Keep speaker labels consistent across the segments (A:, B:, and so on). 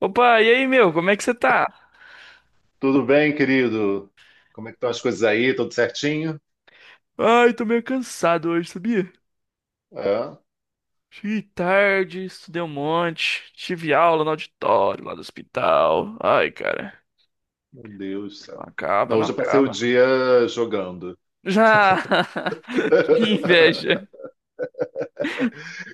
A: Opa, e aí, meu? Como é que você tá?
B: Tudo bem, querido? Como é que estão as coisas aí? Tudo certinho?
A: Ai, tô meio cansado hoje, sabia?
B: É?
A: Cheguei tarde, estudei um monte, tive aula no auditório lá do hospital. Ai, cara,
B: Meu Deus do
A: não
B: céu.
A: acaba,
B: Não,
A: não
B: hoje eu passei o
A: acaba.
B: dia jogando.
A: Já! Que inveja.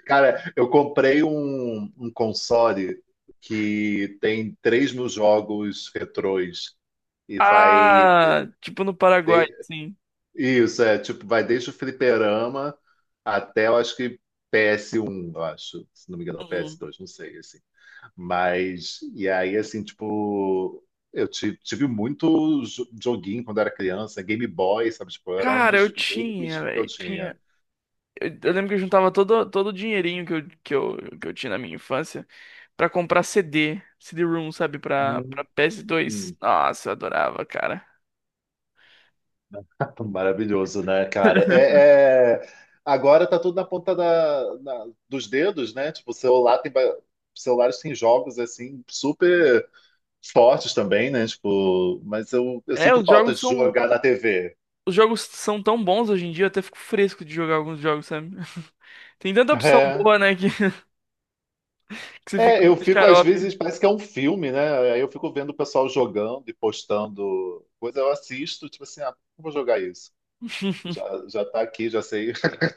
B: Cara, eu comprei um console que tem 3000 jogos retrôs e vai...
A: Ah, tipo no Paraguai,
B: de-
A: sim.
B: Isso, é, tipo, vai desde o fliperama até, eu acho que PS1, eu acho. Se não me engano,
A: Uhum.
B: PS2, não sei, assim. Mas, e aí, assim, tipo, eu tive muito joguinho quando era criança, Game Boy, sabe? Tipo, era um
A: Cara, eu
B: dos
A: tinha,
B: únicos que eu
A: velho,
B: tinha.
A: tinha. Eu lembro que eu juntava todo o dinheirinho que eu, que eu tinha na minha infância pra comprar CD, CD-ROM, sabe, pra
B: Hum,
A: PS2. Nossa, eu adorava, cara.
B: maravilhoso, né, cara? Agora tá tudo na ponta dos dedos, né? Tipo, o celular tem, celulares têm jogos, assim, super fortes também, né? Tipo, mas eu
A: É,
B: sinto
A: os
B: falta
A: jogos
B: de
A: são.
B: jogar na TV.
A: Os jogos são tão bons hoje em dia, eu até fico fresco de jogar alguns jogos, sabe? Tem tanta opção
B: É.
A: boa, né, que, que você fica
B: É,
A: meio
B: eu fico, às
A: xarope.
B: vezes, parece que é um filme, né? Aí eu fico vendo o pessoal jogando e postando coisa, eu assisto, tipo assim, ah, por que eu vou jogar isso? Já, já tá aqui, já sei.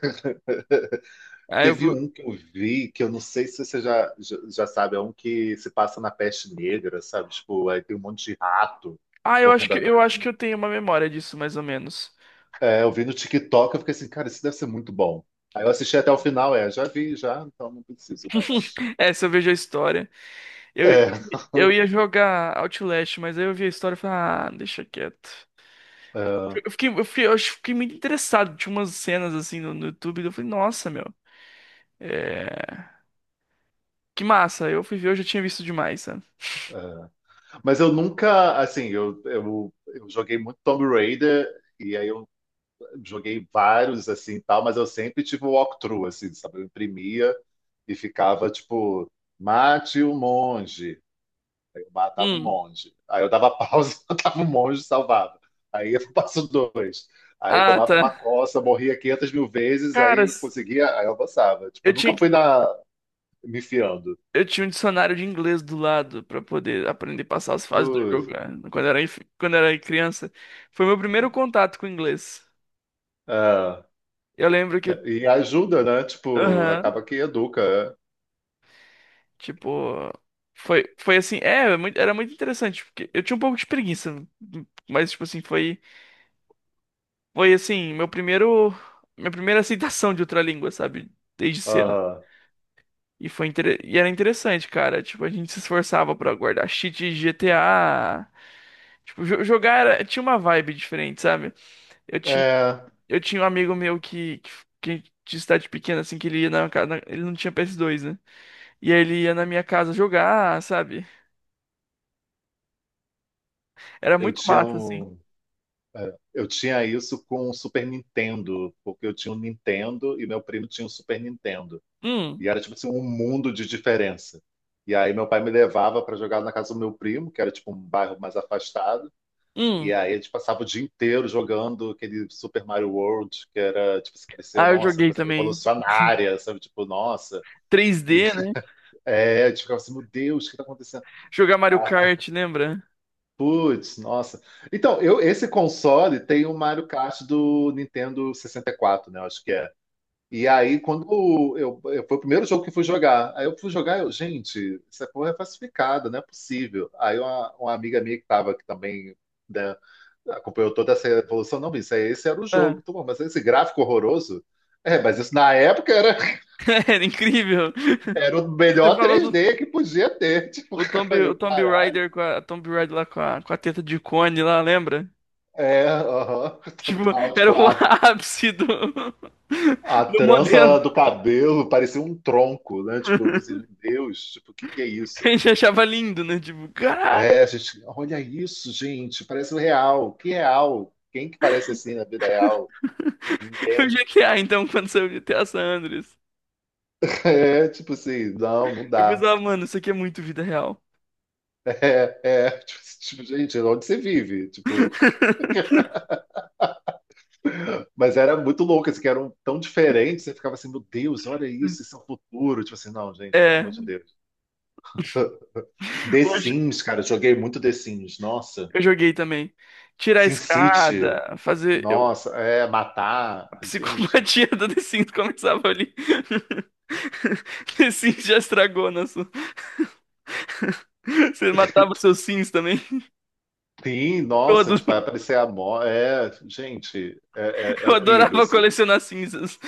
A: Ah,
B: Teve
A: eu,
B: um que eu vi, que eu não sei se você já sabe, é um que se passa na peste negra, sabe? Tipo, aí tem um monte de rato
A: ah, eu acho
B: correndo
A: que eu
B: atrás
A: acho
B: de.
A: que eu tenho uma memória disso, mais ou menos.
B: É, eu vi no TikTok, eu fiquei assim, cara, isso deve ser muito bom. Aí eu assisti até o final, é, já vi, já, então não preciso mais.
A: É, se eu vejo a história. Eu,
B: É,
A: eu ia jogar Outlast, mas aí eu vi a história e falei, ah, deixa quieto.
B: é,
A: Eu acho que fiquei muito interessado. Tinha umas cenas assim no YouTube, eu falei, nossa, meu, é... que massa. Eu fui ver, eu já tinha visto demais, sabe?
B: é. Mas eu nunca, assim, eu joguei muito Tomb Raider, e aí eu joguei vários, assim, e tal, mas eu sempre tive o walkthrough, assim, sabe? Eu imprimia e ficava, tipo, mate o monge. Aí eu matava o monge. Aí eu dava pausa, matava o monge e salvava. Aí eu passo dois. Aí
A: Ah,
B: tomava uma
A: tá.
B: coça, morria 500 mil vezes, aí
A: Cara,
B: eu conseguia, aí eu avançava. Tipo,
A: eu
B: eu nunca
A: tinha, que-
B: fui na, me enfiando.
A: Eu tinha um dicionário de inglês do lado pra poder aprender a passar as fases do jogo,
B: Putz,
A: né? Quando eu era criança. Foi meu primeiro contato com o inglês.
B: ah,
A: Eu lembro que.
B: e ajuda, né? Tipo,
A: Aham.
B: acaba que educa. É.
A: Tipo. Foi assim. É, era muito interessante. Porque eu tinha um pouco de preguiça. Mas, tipo assim, foi. Foi assim, meu primeiro. Minha primeira aceitação de outra língua, sabe? Desde cedo.
B: Aham.
A: E era interessante, cara. Tipo, a gente se esforçava pra guardar cheat de GTA. Tinha uma vibe diferente, sabe? Eu tinha,
B: É,
A: eu tinha um amigo meu que, que de cidade pequena, assim, que ele ia na, casa. Ele não tinha PS2, né? E aí ele ia na minha casa jogar, sabe? Era
B: eu
A: muito
B: tinha
A: massa, assim.
B: um, é, eu tinha isso com o Super Nintendo, porque eu tinha um Nintendo e meu primo tinha um Super Nintendo. E
A: Hum,
B: era tipo assim, um mundo de diferença. E aí meu pai me levava para jogar na casa do meu primo, que era tipo um bairro mais afastado. E
A: hum.
B: aí a gente passava o dia inteiro jogando aquele Super Mario World, que era tipo, se parecia,
A: Ah, eu
B: nossa,
A: joguei
B: coisa
A: também.
B: revolucionária, sabe? Tipo, nossa. E,
A: 3D, né?
B: a gente ficava assim, meu Deus, o que tá acontecendo?
A: Jogar Mario Kart, lembra?
B: Putz, nossa. Então, esse console tem o Mario Kart do Nintendo 64, né? Eu acho que é. E aí, quando foi o primeiro jogo que fui jogar. Aí eu fui jogar, eu, gente, essa porra é falsificada, não é possível. Aí uma amiga minha que tava aqui também, né, acompanhou toda essa evolução, não, isso aí, esse era o jogo.
A: Ah,
B: Tô bom, mas esse gráfico horroroso. Mas isso na época era,
A: era incrível.
B: era o
A: Você
B: melhor
A: falou
B: três
A: do
B: d que podia ter. Tipo,
A: o
B: eu,
A: Tomb
B: caralho.
A: Raider com a Tomb Raider lá com a teta de cone lá, lembra?
B: É, aham,
A: Tipo,
B: total.
A: era
B: Tipo,
A: o ápice do,
B: a
A: do
B: trança
A: modelo.
B: do cabelo parecia um tronco, né? Tipo, eu falei assim, meu Deus, tipo, o que que é
A: A
B: isso?
A: gente achava lindo, né? Tipo, caralho,
B: É, a gente, olha isso, gente, parece o real. Que é real? Quem que parece assim na vida real?
A: o
B: Ninguém.
A: GTA, então, quando saiu o GTA San Andreas.
B: É, tipo assim, não
A: Eu
B: dá.
A: pensava, mano, isso aqui é muito vida real.
B: É, tipo, gente, onde você vive? Tipo, mas era muito louco, assim, que eram tão diferentes, você ficava assim, meu Deus, olha isso, isso é o futuro. Tipo assim, não, gente, pelo
A: É,
B: amor de Deus. The
A: hoje
B: Sims, cara, eu joguei muito The Sims, nossa.
A: eu joguei também. Tirar a
B: Sin City,
A: escada, fazer. Eu,
B: nossa, é, matar,
A: a
B: gente,
A: psicopatia do The Sims começava ali. The Sims já estragou nosso. Você matava seus Sims também?
B: sim, nossa,
A: Todos.
B: tipo, vai aparecer a morte, é, gente,
A: Eu
B: era horrível,
A: adorava
B: assim.
A: colecionar cinzas.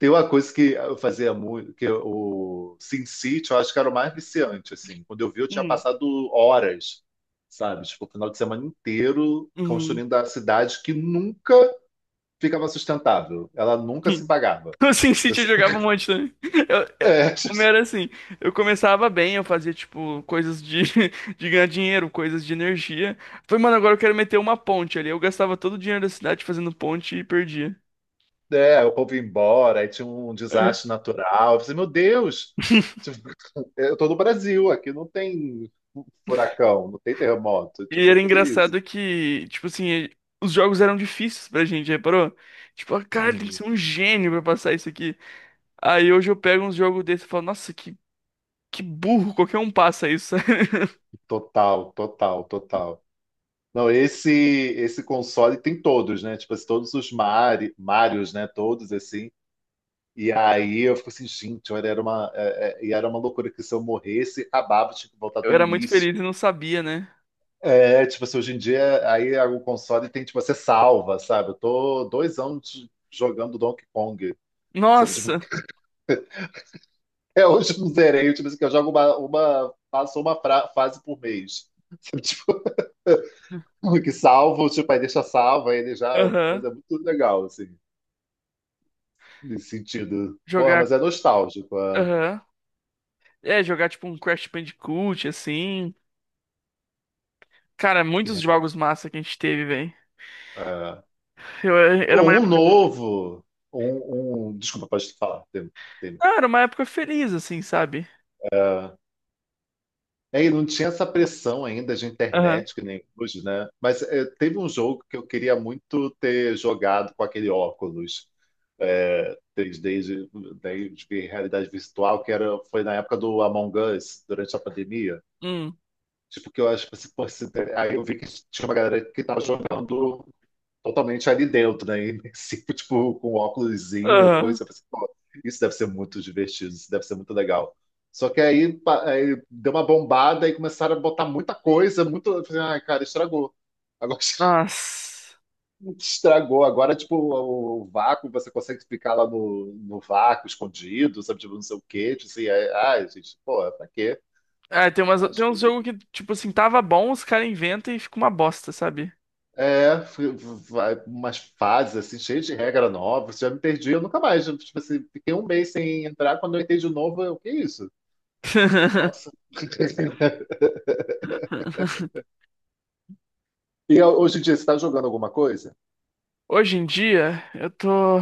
B: Tem uma coisa que eu fazia muito, que o Sin City, eu acho que era o mais viciante, assim, quando eu vi eu tinha
A: Hum.
B: passado horas, sabe, tipo, o final de semana inteiro
A: Uhum.
B: construindo a cidade que nunca ficava sustentável, ela nunca se pagava.
A: No
B: Eu
A: SimCity eu jogava um
B: sempre-
A: monte também. Eu- é,
B: é,
A: o meu era assim, eu começava bem, eu fazia, tipo, coisas de, de ganhar dinheiro, coisas de energia. Falei, mano, agora eu quero meter uma ponte ali. Eu gastava todo o dinheiro da cidade fazendo ponte e perdia.
B: é, o povo ia embora, aí tinha um
A: É.
B: desastre natural. Eu falei, meu Deus, tipo, eu tô no Brasil, aqui não tem furacão, não tem terremoto.
A: E
B: Tipo,
A: era
B: que isso?
A: engraçado que, tipo assim, os jogos eram difíceis pra gente, reparou? Tipo, ah, cara, tem que
B: Uhum.
A: ser um gênio pra passar isso aqui. Aí hoje eu pego uns jogos desse e falo, nossa, que burro, qualquer um passa isso.
B: Total, total, total. Não, esse console tem todos, né? Tipo, assim, todos os Marios, né? Todos assim. E aí eu fico assim, gente, olha, era uma, e era uma loucura que se eu morresse, acabava, tinha que voltar do
A: Eu era muito feliz e
B: início.
A: não sabia, né?
B: É, tipo assim, hoje em dia, aí é o console tem, tipo, você salva, sabe? Eu tô 2 anos jogando Donkey Kong, sabe? Tipo,
A: Nossa!
B: até hoje eu não zerei, tipo assim, que eu jogo uma faço uma fase por mês. Sabe? Tipo, que salvo, tipo, aí deixa salva, aí ele já,
A: Aham.
B: coisa muito legal, assim, nesse sentido. Porra,
A: Jogar.
B: mas é nostálgico.
A: Aham. É, jogar tipo um Crash Bandicoot, assim. Cara, muitos jogos massa que a gente teve, velho.
B: É.
A: Eu, Era
B: Pô,
A: uma
B: um
A: época,
B: novo, desculpa, pode falar, tem.
A: ah, era uma época feliz, assim, sabe?
B: É, e não tinha essa pressão ainda de
A: Aham.
B: internet, que nem hoje, né? Mas é, teve um jogo que eu queria muito ter jogado com aquele óculos é, 3D de, daí de realidade virtual, que era, foi na época do Among Us, durante a pandemia.
A: Hum.
B: Tipo, que eu acho que assim, pô, aí eu vi que tinha uma galera que estava jogando totalmente ali dentro, né? Imersivo, tipo, com óculosinho, a
A: Aham.
B: coisa. Eu pensei, pô, isso deve ser muito divertido, isso deve ser muito legal. Só que aí, aí deu uma bombada e começaram a botar muita coisa, muito. Eu falei, ai, cara, estragou. Agora
A: Nossa.
B: estragou. Agora, tipo, o vácuo, você consegue ficar lá no vácuo, escondido, sabe? Tipo, não sei o quê. Tipo assim, ai, ai, gente, pô, pra quê?
A: Ah, tem umas,
B: Mas
A: tem uns
B: coisa
A: jogos que, tipo assim, tava bom, os caras inventam e fica uma bosta, sabe?
B: é, umas fases assim, cheias de regra nova, você já me perdi, eu nunca mais. Eu, tipo assim, fiquei um mês sem entrar, quando eu entrei de novo, eu, que isso? Nossa. E hoje em dia, você está jogando alguma coisa?
A: Hoje em dia, eu tô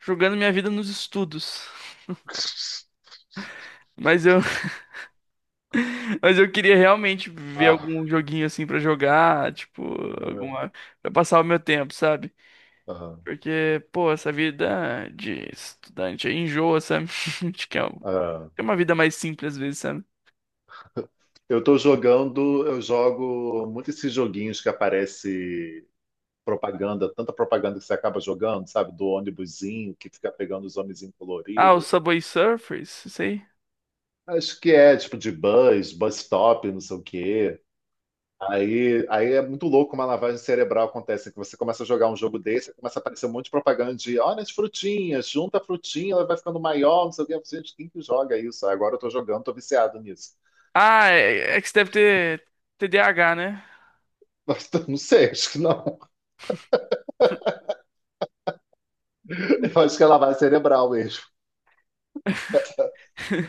A: jogando minha vida nos estudos. Mas eu, Mas eu queria realmente ver
B: Ah,
A: algum joguinho assim pra jogar, tipo,
B: ah,
A: alguma, pra passar o meu tempo, sabe?
B: ah.
A: Porque, pô, essa vida de estudante aí enjoa, sabe? Acho que é um-
B: ah.
A: É uma vida mais simples às vezes, sabe?
B: Eu tô jogando, eu jogo muito esses joguinhos que aparece propaganda, tanta propaganda que você acaba jogando, sabe? Do ônibusinho que fica pegando os homenzinhos
A: Ah, o
B: coloridos.
A: Subway Surfers, isso aí.
B: Acho que é tipo de bus, bus stop, não sei o quê. Aí é muito louco como a lavagem cerebral acontece, que você começa a jogar um jogo desse, começa a aparecer um monte de propaganda de olha as frutinhas, junta a frutinha, ela vai ficando maior, não sei o que. Eu falei, gente, quem que joga isso? Aí agora eu tô jogando, tô viciado nisso.
A: Ah, é, é que você deve ter TDAH, né?
B: Mas não sei, acho que não. Eu acho que é lavagem cerebral mesmo.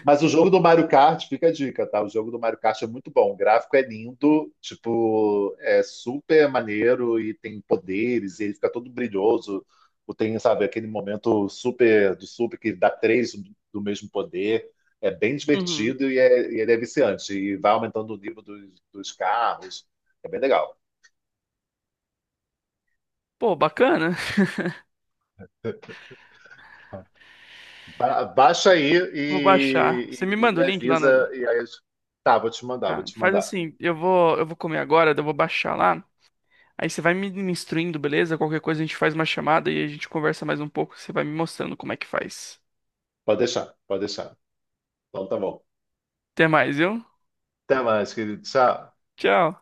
B: Mas o jogo do Mario Kart, fica a dica, tá? O jogo do Mario Kart é muito bom. O gráfico é lindo, tipo, é super maneiro e tem poderes, e ele fica todo brilhoso. O tem, sabe, aquele momento super do super que dá três do mesmo poder. É bem
A: Uhum.
B: divertido e ele é viciante. E vai aumentando o nível dos carros. É bem legal.
A: Pô, bacana.
B: Baixa aí
A: Vou baixar. Você me
B: e
A: manda
B: me
A: o link lá na.
B: avisa. E aí, tá, vou te mandar, vou
A: Ah,
B: te
A: faz
B: mandar.
A: assim, eu vou comer agora, daí eu vou baixar lá. Aí você vai me instruindo, beleza? Qualquer coisa a gente faz uma chamada e a gente conversa mais um pouco. Você vai me mostrando como é que faz.
B: Pode deixar, pode deixar. Então tá bom.
A: Até mais, viu?
B: Até mais, querido. Tchau.
A: Tchau.